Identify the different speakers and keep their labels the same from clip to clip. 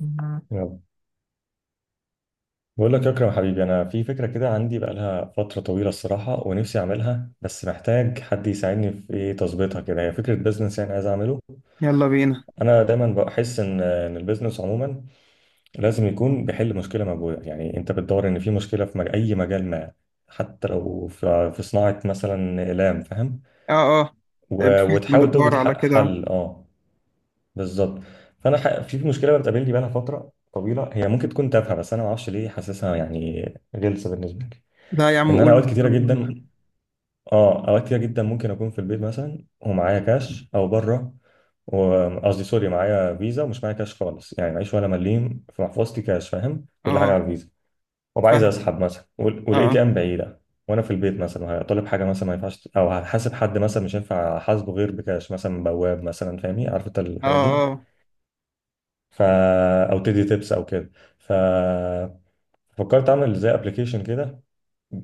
Speaker 1: مم.
Speaker 2: يلا، بقول لك يا اكرم حبيبي، انا في فكره كده عندي بقالها فتره طويله الصراحه ونفسي اعملها، بس محتاج حد يساعدني في ايه، تظبيطها كده. هي فكره بزنس يعني عايز اعمله.
Speaker 1: يلا بينا.
Speaker 2: انا دايما بحس ان البزنس عموما لازم يكون بيحل مشكله موجوده، يعني انت بتدور ان في مشكله في اي مجال ما، حتى لو في صناعه مثلا اقلام، فاهم؟
Speaker 1: اه اه فعلا
Speaker 2: وتحاول
Speaker 1: بتدور
Speaker 2: توجد
Speaker 1: على كده.
Speaker 2: حل، اه. بالظبط. فانا في مشكله بتقابلني بقالها فتره طويله، هي ممكن تكون تافهه بس انا ما اعرفش ليه حاسسها يعني غلسه بالنسبه لي.
Speaker 1: لا يا عم،
Speaker 2: ان انا اوقات
Speaker 1: قول.
Speaker 2: كتيره جدا، اه اوقات كتيره جدا ممكن اكون في البيت مثلا ومعايا كاش او بره، وقصدي سوري معايا فيزا ومش معايا كاش خالص، يعني معيش ولا مليم في محفظتي كاش، فاهم؟ كل حاجه
Speaker 1: اه.
Speaker 2: على الفيزا، وابقى عايز
Speaker 1: فاهم.
Speaker 2: اسحب مثلا والاي تي
Speaker 1: اه
Speaker 2: ام بعيده. وانا في البيت مثلا هطلب حاجه مثلا ما ينفعش، او هحاسب حد مثلا مش هينفع احاسبه غير بكاش، مثلا من بواب مثلا، فاهمني؟ عارف انت
Speaker 1: اه
Speaker 2: الحاجات دي.
Speaker 1: اه
Speaker 2: ف، او تدي تيبس او كده. ف، فكرت اعمل زي ابلكيشن كده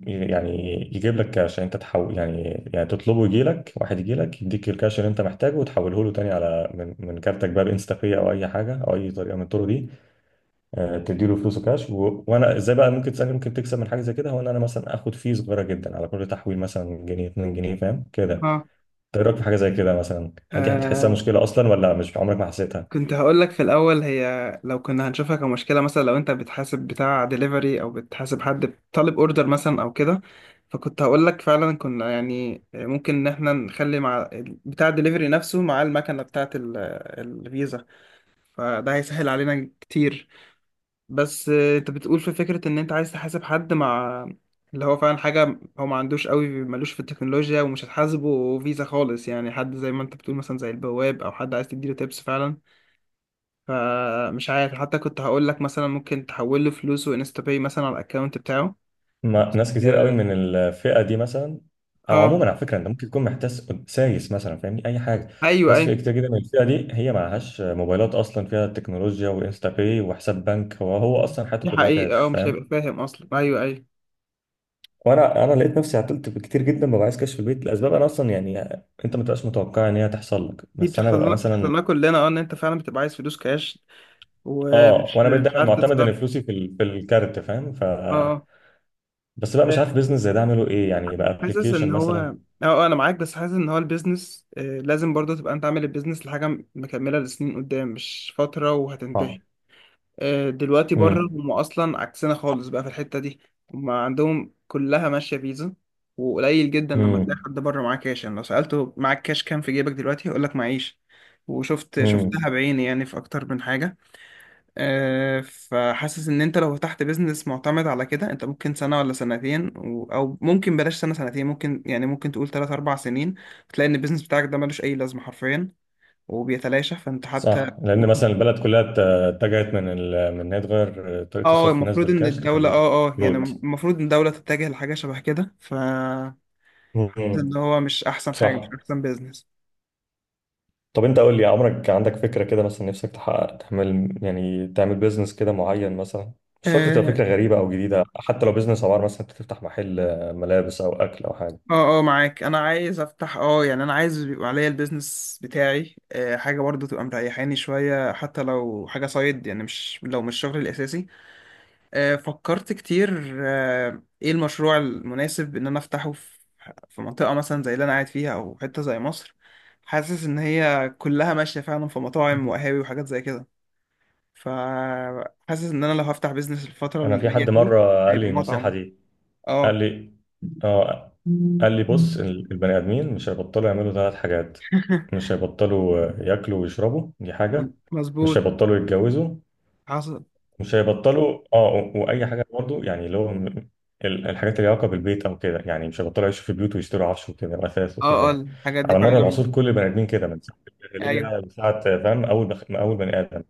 Speaker 2: يعني يجيب لك كاش، يعني انت تحول، يعني يعني تطلبه يجي لك واحد، يجي لك يديك الكاش اللي انت محتاجه وتحوله له تاني على من كارتك بقى، بانستا باي او اي حاجه، او اي طريقه من الطرق دي. آه، تديله فلوسه كاش وانا ازاي بقى ممكن تسالني ممكن تكسب من حاجه زي كده؟ هو ان انا مثلا اخد فيه صغيره جدا على كل تحويل، مثلا جنيه 2 جنيه، فاهم كده؟
Speaker 1: اه.
Speaker 2: إنت ايه رايك في حاجه زي كده مثلا؟ هل دي بتحسها
Speaker 1: آه،
Speaker 2: مشكله اصلا ولا مش عمرك ما حسيتها؟
Speaker 1: كنت هقول لك في الأول هي، لو كنا هنشوفها كمشكلة مثلا، لو أنت بتحاسب بتاع دليفري أو بتحاسب حد طالب أوردر مثلا أو كده. فكنت هقول لك فعلا كنا يعني ممكن إن إحنا نخلي مع بتاع الدليفري نفسه مع المكنة بتاعة الفيزا. فده هيسهل علينا كتير. بس انت بتقول في فكرة ان انت عايز تحاسب حد مع اللي هو فعلا حاجة. هو ما عندوش قوي، ملوش في التكنولوجيا ومش هتحاسبه فيزا خالص، يعني حد زي ما انت بتقول مثلا زي البواب او حد عايز تديله تيبس فعلا. فمش عارف، حتى كنت هقول لك مثلا ممكن تحول له فلوسه انستا باي مثلا على الاكونت بتاعه.
Speaker 2: ما ناس كتير قوي
Speaker 1: اه.
Speaker 2: من الفئه دي مثلا. او
Speaker 1: آه،
Speaker 2: عموما على فكره انت ممكن تكون محتاس سايس مثلا، فاهمني؟ اي حاجه.
Speaker 1: ايوه
Speaker 2: ناس فئة
Speaker 1: ايوه.
Speaker 2: كتير جدا من الفئه دي هي معهاش موبايلات اصلا فيها تكنولوجيا وانستا باي وحساب بنك، هو اصلا حياته
Speaker 1: دي
Speaker 2: كلها
Speaker 1: حقيقة،
Speaker 2: كاش،
Speaker 1: اه، مش
Speaker 2: فاهم؟
Speaker 1: هيبقى فاهم اصلا. ايوه ايوه،
Speaker 2: وانا لقيت نفسي عطلت كتير جدا، ببقى عايز كاش في البيت لاسباب انا اصلا يعني انت ما تبقاش متوقع ان هي تحصل لك،
Speaker 1: دي
Speaker 2: بس انا
Speaker 1: بتحصل
Speaker 2: ببقى
Speaker 1: لنا، بتحصل
Speaker 2: مثلا،
Speaker 1: لنا كلنا. اه، ان انت فعلا بتبقى عايز فلوس كاش
Speaker 2: اه.
Speaker 1: ومش
Speaker 2: وانا بقيت
Speaker 1: مش
Speaker 2: دايما
Speaker 1: عارف
Speaker 2: معتمد
Speaker 1: تتصرف.
Speaker 2: ان فلوسي في في الكارت، فاهم؟ ف،
Speaker 1: اه. آه.
Speaker 2: بس بقى مش عارف بيزنس زي ده اعمله ايه يعني، بقى
Speaker 1: حاسس ان
Speaker 2: ابلكيشن
Speaker 1: هو
Speaker 2: مثلا.
Speaker 1: اه، انا معاك. بس حاسس ان هو البيزنس لازم برضه تبقى انت عامل البيزنس لحاجه مكمله لسنين قدام، مش فتره وهتنتهي.
Speaker 2: اه.
Speaker 1: دلوقتي بره هم اصلا عكسنا خالص بقى في الحته دي. هم عندهم كلها ماشيه فيزا. وقليل جدا لما تلاقي
Speaker 2: امم.
Speaker 1: حد بره معاه كاش، يعني لو سالته معاك كاش كام في جيبك دلوقتي هيقول لك معيش. وشفت
Speaker 2: امم.
Speaker 1: شفتها بعيني يعني، في اكتر من حاجه. فحاسس ان انت لو فتحت بيزنس معتمد على كده، انت ممكن سنة ولا سنتين او ممكن بلاش سنة سنتين، ممكن يعني ممكن تقول تلات اربع سنين، تلاقي ان البيزنس بتاعك ده ملوش اي لازمة حرفيا وبيتلاشى. فانت حتى
Speaker 2: صح، لان
Speaker 1: ممكن.
Speaker 2: مثلا البلد كلها اتجهت من من ان هي تغير طريقه
Speaker 1: اه
Speaker 2: صرف الناس
Speaker 1: المفروض ان
Speaker 2: بالكاش،
Speaker 1: الدولة
Speaker 2: تخليه
Speaker 1: اه اه يعني
Speaker 2: بالكروت.
Speaker 1: المفروض ان الدولة تتجه لحاجة شبه كده، ف حاسس ان
Speaker 2: امم.
Speaker 1: هو مش احسن حاجة، مش
Speaker 2: صح.
Speaker 1: احسن.
Speaker 2: طب انت قول لي، عمرك عندك فكره كده مثلا نفسك تحقق، تعمل يعني تعمل بيزنس كده معين مثلا؟ مش شرط تبقى
Speaker 1: بيزنس.
Speaker 2: فكره غريبه او جديده، حتى لو بيزنس عباره مثلا انت تفتح محل ملابس او اكل او حاجه.
Speaker 1: اه اه معاك. انا عايز افتح اه، يعني انا عايز يبقى عليا البيزنس بتاعي. حاجه برضو تبقى مريحاني شويه، حتى لو حاجه سايد، يعني مش، لو مش شغلي الاساسي. فكرت كتير ايه المشروع المناسب ان انا افتحه في في منطقه مثلا زي اللي انا قاعد فيها او حته زي مصر. حاسس ان هي كلها ماشيه فعلا في مطاعم وقهاوي وحاجات زي كده. فحاسس ان انا لو هفتح بيزنس الفتره اللي
Speaker 2: انا في
Speaker 1: جايه
Speaker 2: حد
Speaker 1: دي
Speaker 2: مره قال
Speaker 1: هيبقى
Speaker 2: لي النصيحه
Speaker 1: مطعم.
Speaker 2: دي، قال
Speaker 1: اه.
Speaker 2: لي، اه، قال لي بص، البني ادمين مش هيبطلوا يعملوا ثلاث حاجات: مش هيبطلوا آه، ياكلوا ويشربوا، دي حاجه. مش
Speaker 1: مظبوط.
Speaker 2: هيبطلوا يتجوزوا.
Speaker 1: حصل.
Speaker 2: مش هيبطلوا اه، واي حاجه برضو يعني اللي هو الحاجات اللي ليها علاقه بالبيت او كده، يعني مش هيبطلوا يعيشوا في بيوت ويشتروا عفش وكده واثاث وكده
Speaker 1: اه اه
Speaker 2: يعني.
Speaker 1: الحاجات دي
Speaker 2: على
Speaker 1: فعلا.
Speaker 2: مر العصور كل البني ادمين كده، من ساعه الجاهليه
Speaker 1: ايوه.
Speaker 2: لساعه آه، فاهم، اول بني ادم.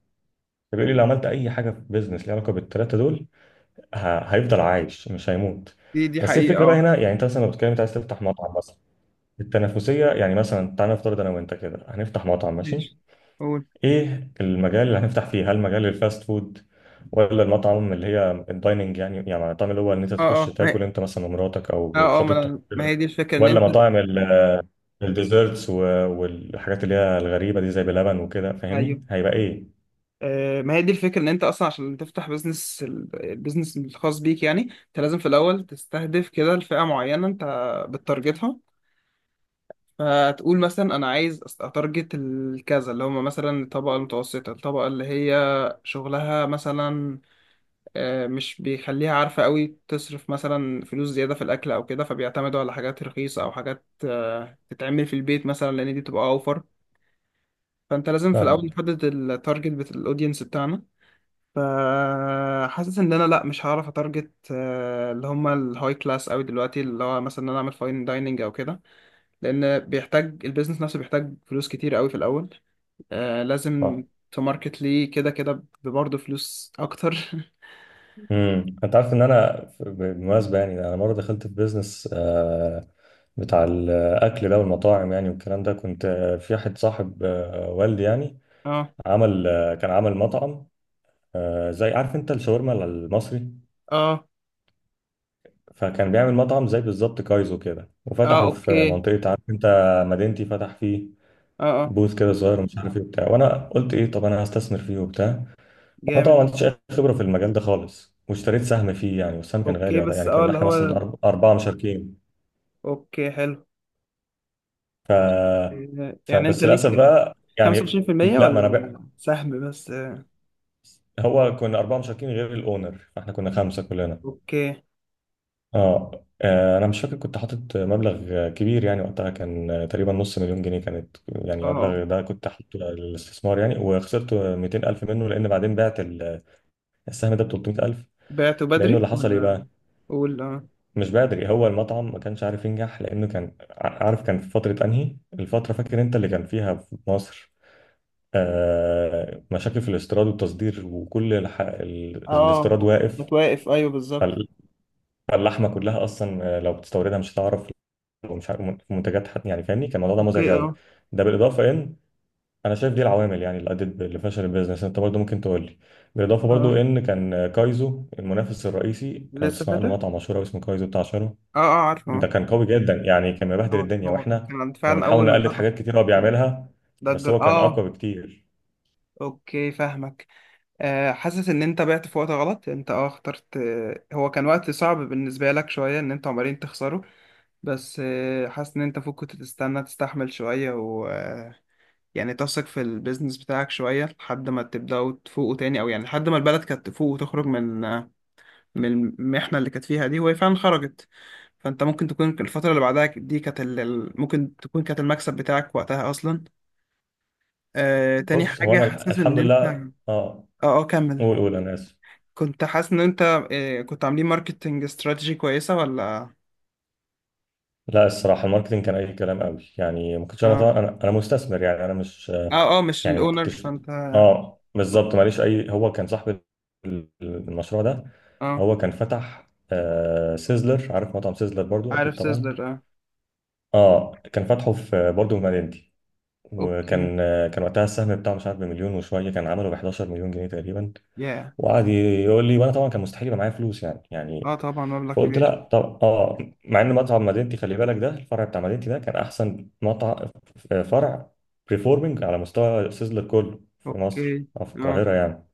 Speaker 2: فبيقول لي لو عملت اي حاجه في بيزنس ليها علاقه بالثلاثه دول، هيفضل عايش مش هيموت.
Speaker 1: دي
Speaker 2: بس إيه
Speaker 1: حقيقة،
Speaker 2: الفكره بقى
Speaker 1: اه.
Speaker 2: هنا يعني، انت مثلا لو بتتكلم انت عايز تفتح مطعم مثلا، التنافسيه يعني. مثلا تعالى نفترض انا وانت كده هنفتح مطعم، ماشي؟
Speaker 1: ماشي. قول.
Speaker 2: ايه المجال اللي هنفتح فيه؟ هل مجال الفاست فود ولا المطعم اللي هي الدايننج يعني، يعني المطعم اللي هو ان انت
Speaker 1: اه
Speaker 2: تخش
Speaker 1: اه ما
Speaker 2: تاكل
Speaker 1: هي
Speaker 2: انت مثلا ومراتك او
Speaker 1: اه اه
Speaker 2: خطيبتك
Speaker 1: ما هي
Speaker 2: كده؟
Speaker 1: دي الفكرة ان
Speaker 2: ولا
Speaker 1: انت.
Speaker 2: مطاعم الديزرتس والحاجات اللي هي الغريبه دي زي بلبن وكده،
Speaker 1: ايوه.
Speaker 2: فاهمني؟ هيبقى ايه؟
Speaker 1: آه، ما هي دي الفكرة ان انت اصلا عشان تفتح بزنس، البيزنس الخاص بيك يعني انت لازم في الاول تستهدف كده الفئة معينة انت بتتارجتها. فتقول مثلا انا عايز اتارجت الكذا اللي هم مثلا الطبقة المتوسطة، الطبقة اللي هي شغلها مثلا مش بيخليها عارفة قوي تصرف مثلا فلوس زيادة في الأكل أو كده، فبيعتمدوا على حاجات رخيصة أو حاجات تتعمل في البيت مثلا، لأن دي بتبقى أوفر. فأنت لازم في الأول
Speaker 2: فاهمك.
Speaker 1: نحدد التارجت بتاع الأودينس بتاعنا. فحاسس إن أنا لأ، مش هعرف أتارجت اللي هما الهاي كلاس أوي دلوقتي، اللي هو مثلا إن أنا أعمل فاين دايننج أو كده، لأن بيحتاج البيزنس نفسه بيحتاج فلوس كتير أوي في الأول. لازم
Speaker 2: اه.
Speaker 1: تماركت ليه كده كده، برضه فلوس أكتر.
Speaker 2: امم، انت عارف ان انا بالمناسبه يعني، انا مره دخلت في بيزنس آه، بتاع الاكل ده والمطاعم يعني والكلام ده. كنت آه، في واحد صاحب آه، والدي يعني،
Speaker 1: اه
Speaker 2: عمل آه، كان عمل مطعم آه، زي، عارف انت الشاورما المصري؟
Speaker 1: اه
Speaker 2: فكان بيعمل مطعم زي بالظبط كايزو كده،
Speaker 1: اه.
Speaker 2: وفتحه في
Speaker 1: اوكي.
Speaker 2: منطقه، عارف انت مدينتي؟ فتح فيه
Speaker 1: اه اه
Speaker 2: بوث كده صغير ومش عارف ايه وبتاع، وانا قلت ايه طب انا هستثمر فيه وبتاع. انا طبعا
Speaker 1: جامد.
Speaker 2: ما عنديش اي خبره في المجال ده خالص، واشتريت سهم فيه يعني، والسهم كان غالي
Speaker 1: اوكي
Speaker 2: وقتها،
Speaker 1: بس
Speaker 2: يعني
Speaker 1: اه
Speaker 2: كنا
Speaker 1: اللي
Speaker 2: احنا
Speaker 1: هو،
Speaker 2: مثلا اربعه مشاركين.
Speaker 1: اوكي، حلو.
Speaker 2: ف...
Speaker 1: يعني انت
Speaker 2: فبس للاسف
Speaker 1: ليك
Speaker 2: بقى يعني.
Speaker 1: 25%
Speaker 2: لا، ما انا بقى،
Speaker 1: ولا سهم بس؟
Speaker 2: هو كنا اربعه مشاركين غير الاونر، فاحنا كنا خمسه كلنا.
Speaker 1: اوكي. اه.
Speaker 2: اه آه، انا مش فاكر، كنت حاطط مبلغ كبير يعني وقتها، كان تقريبا ½ مليون جنيه كانت يعني،
Speaker 1: آه.
Speaker 2: مبلغ ده كنت حاطه للاستثمار يعني. وخسرت 200000 منه، لان بعدين بعت السهم ده ب 300000،
Speaker 1: بعته
Speaker 2: لانه
Speaker 1: بدري
Speaker 2: اللي حصل ايه
Speaker 1: ولا؟
Speaker 2: بقى.
Speaker 1: قول. اه
Speaker 2: مش بدري، هو المطعم ما كانش عارف ينجح، لانه كان عارف كان في فتره، انهي الفتره فاكر انت اللي كان فيها في مصر آه مشاكل في الاستيراد والتصدير، وكل الاستيراد
Speaker 1: اه
Speaker 2: واقف.
Speaker 1: متوقف. ايوه بالظبط.
Speaker 2: فال- فاللحمه كلها اصلا آه، لو بتستوردها مش هتعرف، ومش عارف منتجات يعني، فاهمني؟ كان الموضوع ده مزعج
Speaker 1: اوكي.
Speaker 2: قوي.
Speaker 1: اه
Speaker 2: ده بالاضافه ان انا شايف دي العوامل يعني اللي ادت اللي فشل البيزنس، انت برضو ممكن تقول لي. بالاضافه برضو
Speaker 1: اه
Speaker 2: ان كان آه، كايزو المنافس الرئيسي، لو
Speaker 1: لسه
Speaker 2: تسمع عنه
Speaker 1: فاتح.
Speaker 2: مطعم مشهور أوي اسمه كايزو بتاع شارو،
Speaker 1: اه اه عارفه
Speaker 2: ده
Speaker 1: اه.
Speaker 2: كان قوي جدا يعني، كان مبهدل الدنيا،
Speaker 1: هو
Speaker 2: واحنا
Speaker 1: كان
Speaker 2: كنا
Speaker 1: فعلا
Speaker 2: بنحاول
Speaker 1: اول ما
Speaker 2: نقلد
Speaker 1: فتح
Speaker 2: حاجات كتير هو بيعملها، بس
Speaker 1: ضجر.
Speaker 2: هو كان
Speaker 1: اه.
Speaker 2: اقوى بكتير.
Speaker 1: اوكي، فاهمك. آه، حاسس ان انت بعت في وقت غلط. انت اه اخترت، هو كان وقت صعب بالنسبه لك شويه ان انتوا عمالين تخسروا. بس حاسس ان انت فوق كنت تستنى، تستحمل شوية و يعني تثق في البيزنس بتاعك شوية لحد ما تبدأوا تفوقوا تاني، او يعني لحد ما البلد كانت تفوق وتخرج من من المحنة اللي كانت فيها دي، وهي فعلا خرجت. فانت ممكن تكون الفترة اللي بعدها دي كانت ممكن تكون كانت المكسب بتاعك وقتها اصلا. تاني
Speaker 2: بص هو
Speaker 1: حاجة،
Speaker 2: انا
Speaker 1: حاسس ان
Speaker 2: الحمد
Speaker 1: انت.
Speaker 2: لله،
Speaker 1: اه
Speaker 2: اه.
Speaker 1: اه كمل.
Speaker 2: قول قول، انا اسف.
Speaker 1: كنت حاسس ان انت كنت عاملين ماركتنج استراتيجي كويسة ولا؟
Speaker 2: لا الصراحه الماركتينج كان اي كلام قوي يعني، ما كنتش انا طبعا،
Speaker 1: اه
Speaker 2: انا انا مستثمر يعني انا مش
Speaker 1: اه اه مش
Speaker 2: يعني ما
Speaker 1: الاونر،
Speaker 2: كنتش،
Speaker 1: فانت.
Speaker 2: اه بالظبط، ماليش اي، هو كان صاحب المشروع ده.
Speaker 1: اه.
Speaker 2: هو كان فتح آه سيزلر، عارف مطعم سيزلر برضو اكيد
Speaker 1: عارف
Speaker 2: طبعا.
Speaker 1: سيزلر، اه.
Speaker 2: اه، كان فاتحه في آه، برضو في مدينتي.
Speaker 1: اوكي.
Speaker 2: وكان، كان وقتها السهم بتاعه مش عارف بمليون وشويه، كان عمله ب 11 مليون جنيه تقريبا،
Speaker 1: ياه.
Speaker 2: وقعد يقول لي، وانا طبعا كان مستحيل يبقى معايا فلوس يعني، يعني
Speaker 1: اه، طبعا مبلغ
Speaker 2: فقلت
Speaker 1: كبير.
Speaker 2: لا طب اه. مع ان مطعم مدينتي خلي بالك، ده الفرع بتاع مدينتي ده كان احسن مطعم آه، فرع بريفورمينج على مستوى سيزلر كله في مصر
Speaker 1: اوكي
Speaker 2: او في
Speaker 1: اه
Speaker 2: القاهره يعني.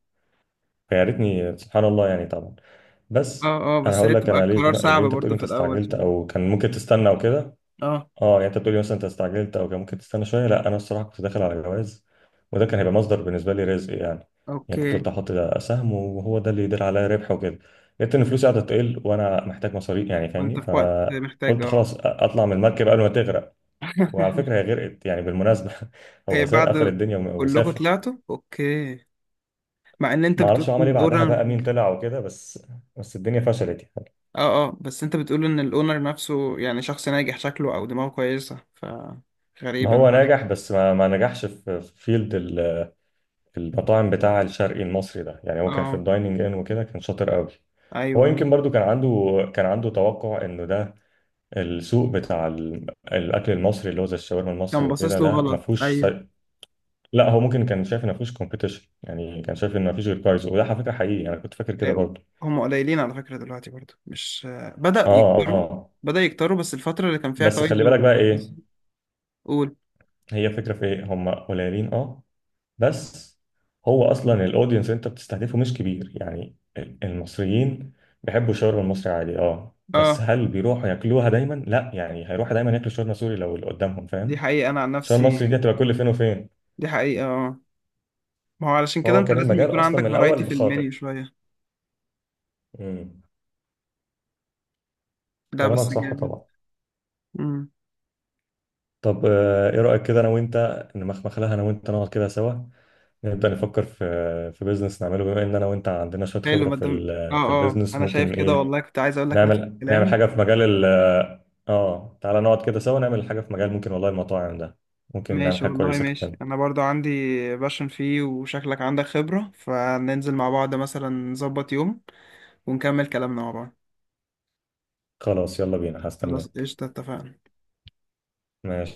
Speaker 2: فيا ريتني، سبحان الله يعني طبعا،
Speaker 1: اه
Speaker 2: بس.
Speaker 1: اه
Speaker 2: انا
Speaker 1: بس هي
Speaker 2: هقول لك
Speaker 1: بتبقى
Speaker 2: انا ليه،
Speaker 1: قرار
Speaker 2: ليه
Speaker 1: صعب
Speaker 2: انت
Speaker 1: برضو
Speaker 2: بتقولي انت
Speaker 1: في الاول
Speaker 2: استعجلت
Speaker 1: شوية.
Speaker 2: او كان ممكن تستنى وكده،
Speaker 1: اه.
Speaker 2: اه يعني انت بتقولي مثلا انت استعجلت او كان ممكن تستنى شويه. لا، انا الصراحه كنت داخل على جواز، وده كان هيبقى مصدر بالنسبه لي رزق يعني، يعني كنت
Speaker 1: اوكي.
Speaker 2: قلت احط ده سهم وهو ده اللي يدير عليا ربح وكده. لقيت ان فلوسي قاعده تقل وانا محتاج مصاريف يعني،
Speaker 1: وانت
Speaker 2: فاهمني؟
Speaker 1: في وقت محتاج،
Speaker 2: فقلت
Speaker 1: اه.
Speaker 2: خلاص اطلع من المركب قبل ما تغرق. وعلى فكره هي غرقت يعني بالمناسبه.
Speaker 1: إيه
Speaker 2: هو ساب قفل
Speaker 1: بعد؟
Speaker 2: الدنيا
Speaker 1: كلكم
Speaker 2: وسافر،
Speaker 1: طلعتوا؟ اوكي، مع ان انت
Speaker 2: ما اعرفش
Speaker 1: بتقول
Speaker 2: هو
Speaker 1: ان
Speaker 2: عمل ايه بعدها بقى،
Speaker 1: الاونر.
Speaker 2: مين طلع وكده، بس بس الدنيا فشلت يعني.
Speaker 1: اه اه بس انت بتقول ان الاونر نفسه يعني شخص ناجح شكله او دماغه كويسة، ف
Speaker 2: ما
Speaker 1: غريبا.
Speaker 2: هو نجح، بس ما نجحش في فيلد المطاعم بتاع الشرقي المصري ده يعني، هو كان في
Speaker 1: اه.
Speaker 2: الدايننج ان وكده كان شاطر قوي. هو
Speaker 1: ايوه.
Speaker 2: يمكن برضو كان عنده، كان عنده توقع انه ده السوق بتاع الاكل المصري اللي هو زي الشاورما المصري
Speaker 1: كان
Speaker 2: وكده،
Speaker 1: باصص له
Speaker 2: ده ما
Speaker 1: غلط،
Speaker 2: فيهوش
Speaker 1: ايوه.
Speaker 2: لا هو ممكن كان شايف ان ما فيهوش كومبيتيشن يعني، كان شايف ان ما فيش غير كايزو، وده على فكره حقيقي انا كنت فاكر كده برضو.
Speaker 1: هم قليلين على فكرة دلوقتي برضو، مش بدأ
Speaker 2: اه
Speaker 1: يكتروا.
Speaker 2: اه.
Speaker 1: بدأ يكتروا بس الفترة اللي كان فيها
Speaker 2: بس خلي
Speaker 1: كايزو،
Speaker 2: بالك بقى
Speaker 1: بس.
Speaker 2: ايه
Speaker 1: قول.
Speaker 2: هي فكره في ايه، هم قليلين اه بس. هو اصلا الاودينس انت بتستهدفه مش كبير يعني، المصريين بيحبوا الشاورما المصري عادي اه، بس
Speaker 1: اه.
Speaker 2: هل بيروحوا ياكلوها دايما؟ لا يعني، هيروحوا دايما ياكلوا شاورما سوري لو اللي قدامهم،
Speaker 1: دي
Speaker 2: فاهم؟
Speaker 1: حقيقة، أنا عن
Speaker 2: الشاورما
Speaker 1: نفسي.
Speaker 2: المصري دي هتبقى كل فين وفين.
Speaker 1: دي حقيقة، اه. ما هو علشان كده
Speaker 2: فهو
Speaker 1: أنت
Speaker 2: كان
Speaker 1: لازم
Speaker 2: المجال
Speaker 1: يكون
Speaker 2: اصلا
Speaker 1: عندك
Speaker 2: من
Speaker 1: فرايتي
Speaker 2: الاول
Speaker 1: في المنيو
Speaker 2: بخاطئ.
Speaker 1: شوية.
Speaker 2: امم.
Speaker 1: لا
Speaker 2: كلامك
Speaker 1: بس
Speaker 2: صح
Speaker 1: جامد.
Speaker 2: طبعا.
Speaker 1: امم.
Speaker 2: طب آه، ايه رايك كده انا وانت نمخمخ لها، انا وانت نقعد كده سوا، نبدا نفكر في بيزنس نعمله، بما ان انا وانت عندنا شويه
Speaker 1: حلو.
Speaker 2: خبره في
Speaker 1: مدام اه
Speaker 2: في
Speaker 1: اه
Speaker 2: البيزنس
Speaker 1: أنا شايف
Speaker 2: ممكن
Speaker 1: كده،
Speaker 2: ايه
Speaker 1: والله كنت عايز أقول لك نفس
Speaker 2: نعمل، نعمل
Speaker 1: الكلام.
Speaker 2: حاجة في مجال ال، اه تعالى نقعد كده سوا نعمل حاجة في مجال، ممكن والله المطاعم ده، ممكن نعمل
Speaker 1: ماشي،
Speaker 2: حاجة
Speaker 1: والله
Speaker 2: كويسة
Speaker 1: ماشي.
Speaker 2: كمان.
Speaker 1: أنا برضو عندي باشن فيه، وشكلك عندك خبرة، فننزل مع بعض مثلا نظبط يوم ونكمل كلامنا مع بعض.
Speaker 2: خلاص يلا بينا،
Speaker 1: خلاص
Speaker 2: هستناك.
Speaker 1: قشطة، اتفقنا.
Speaker 2: ماشي.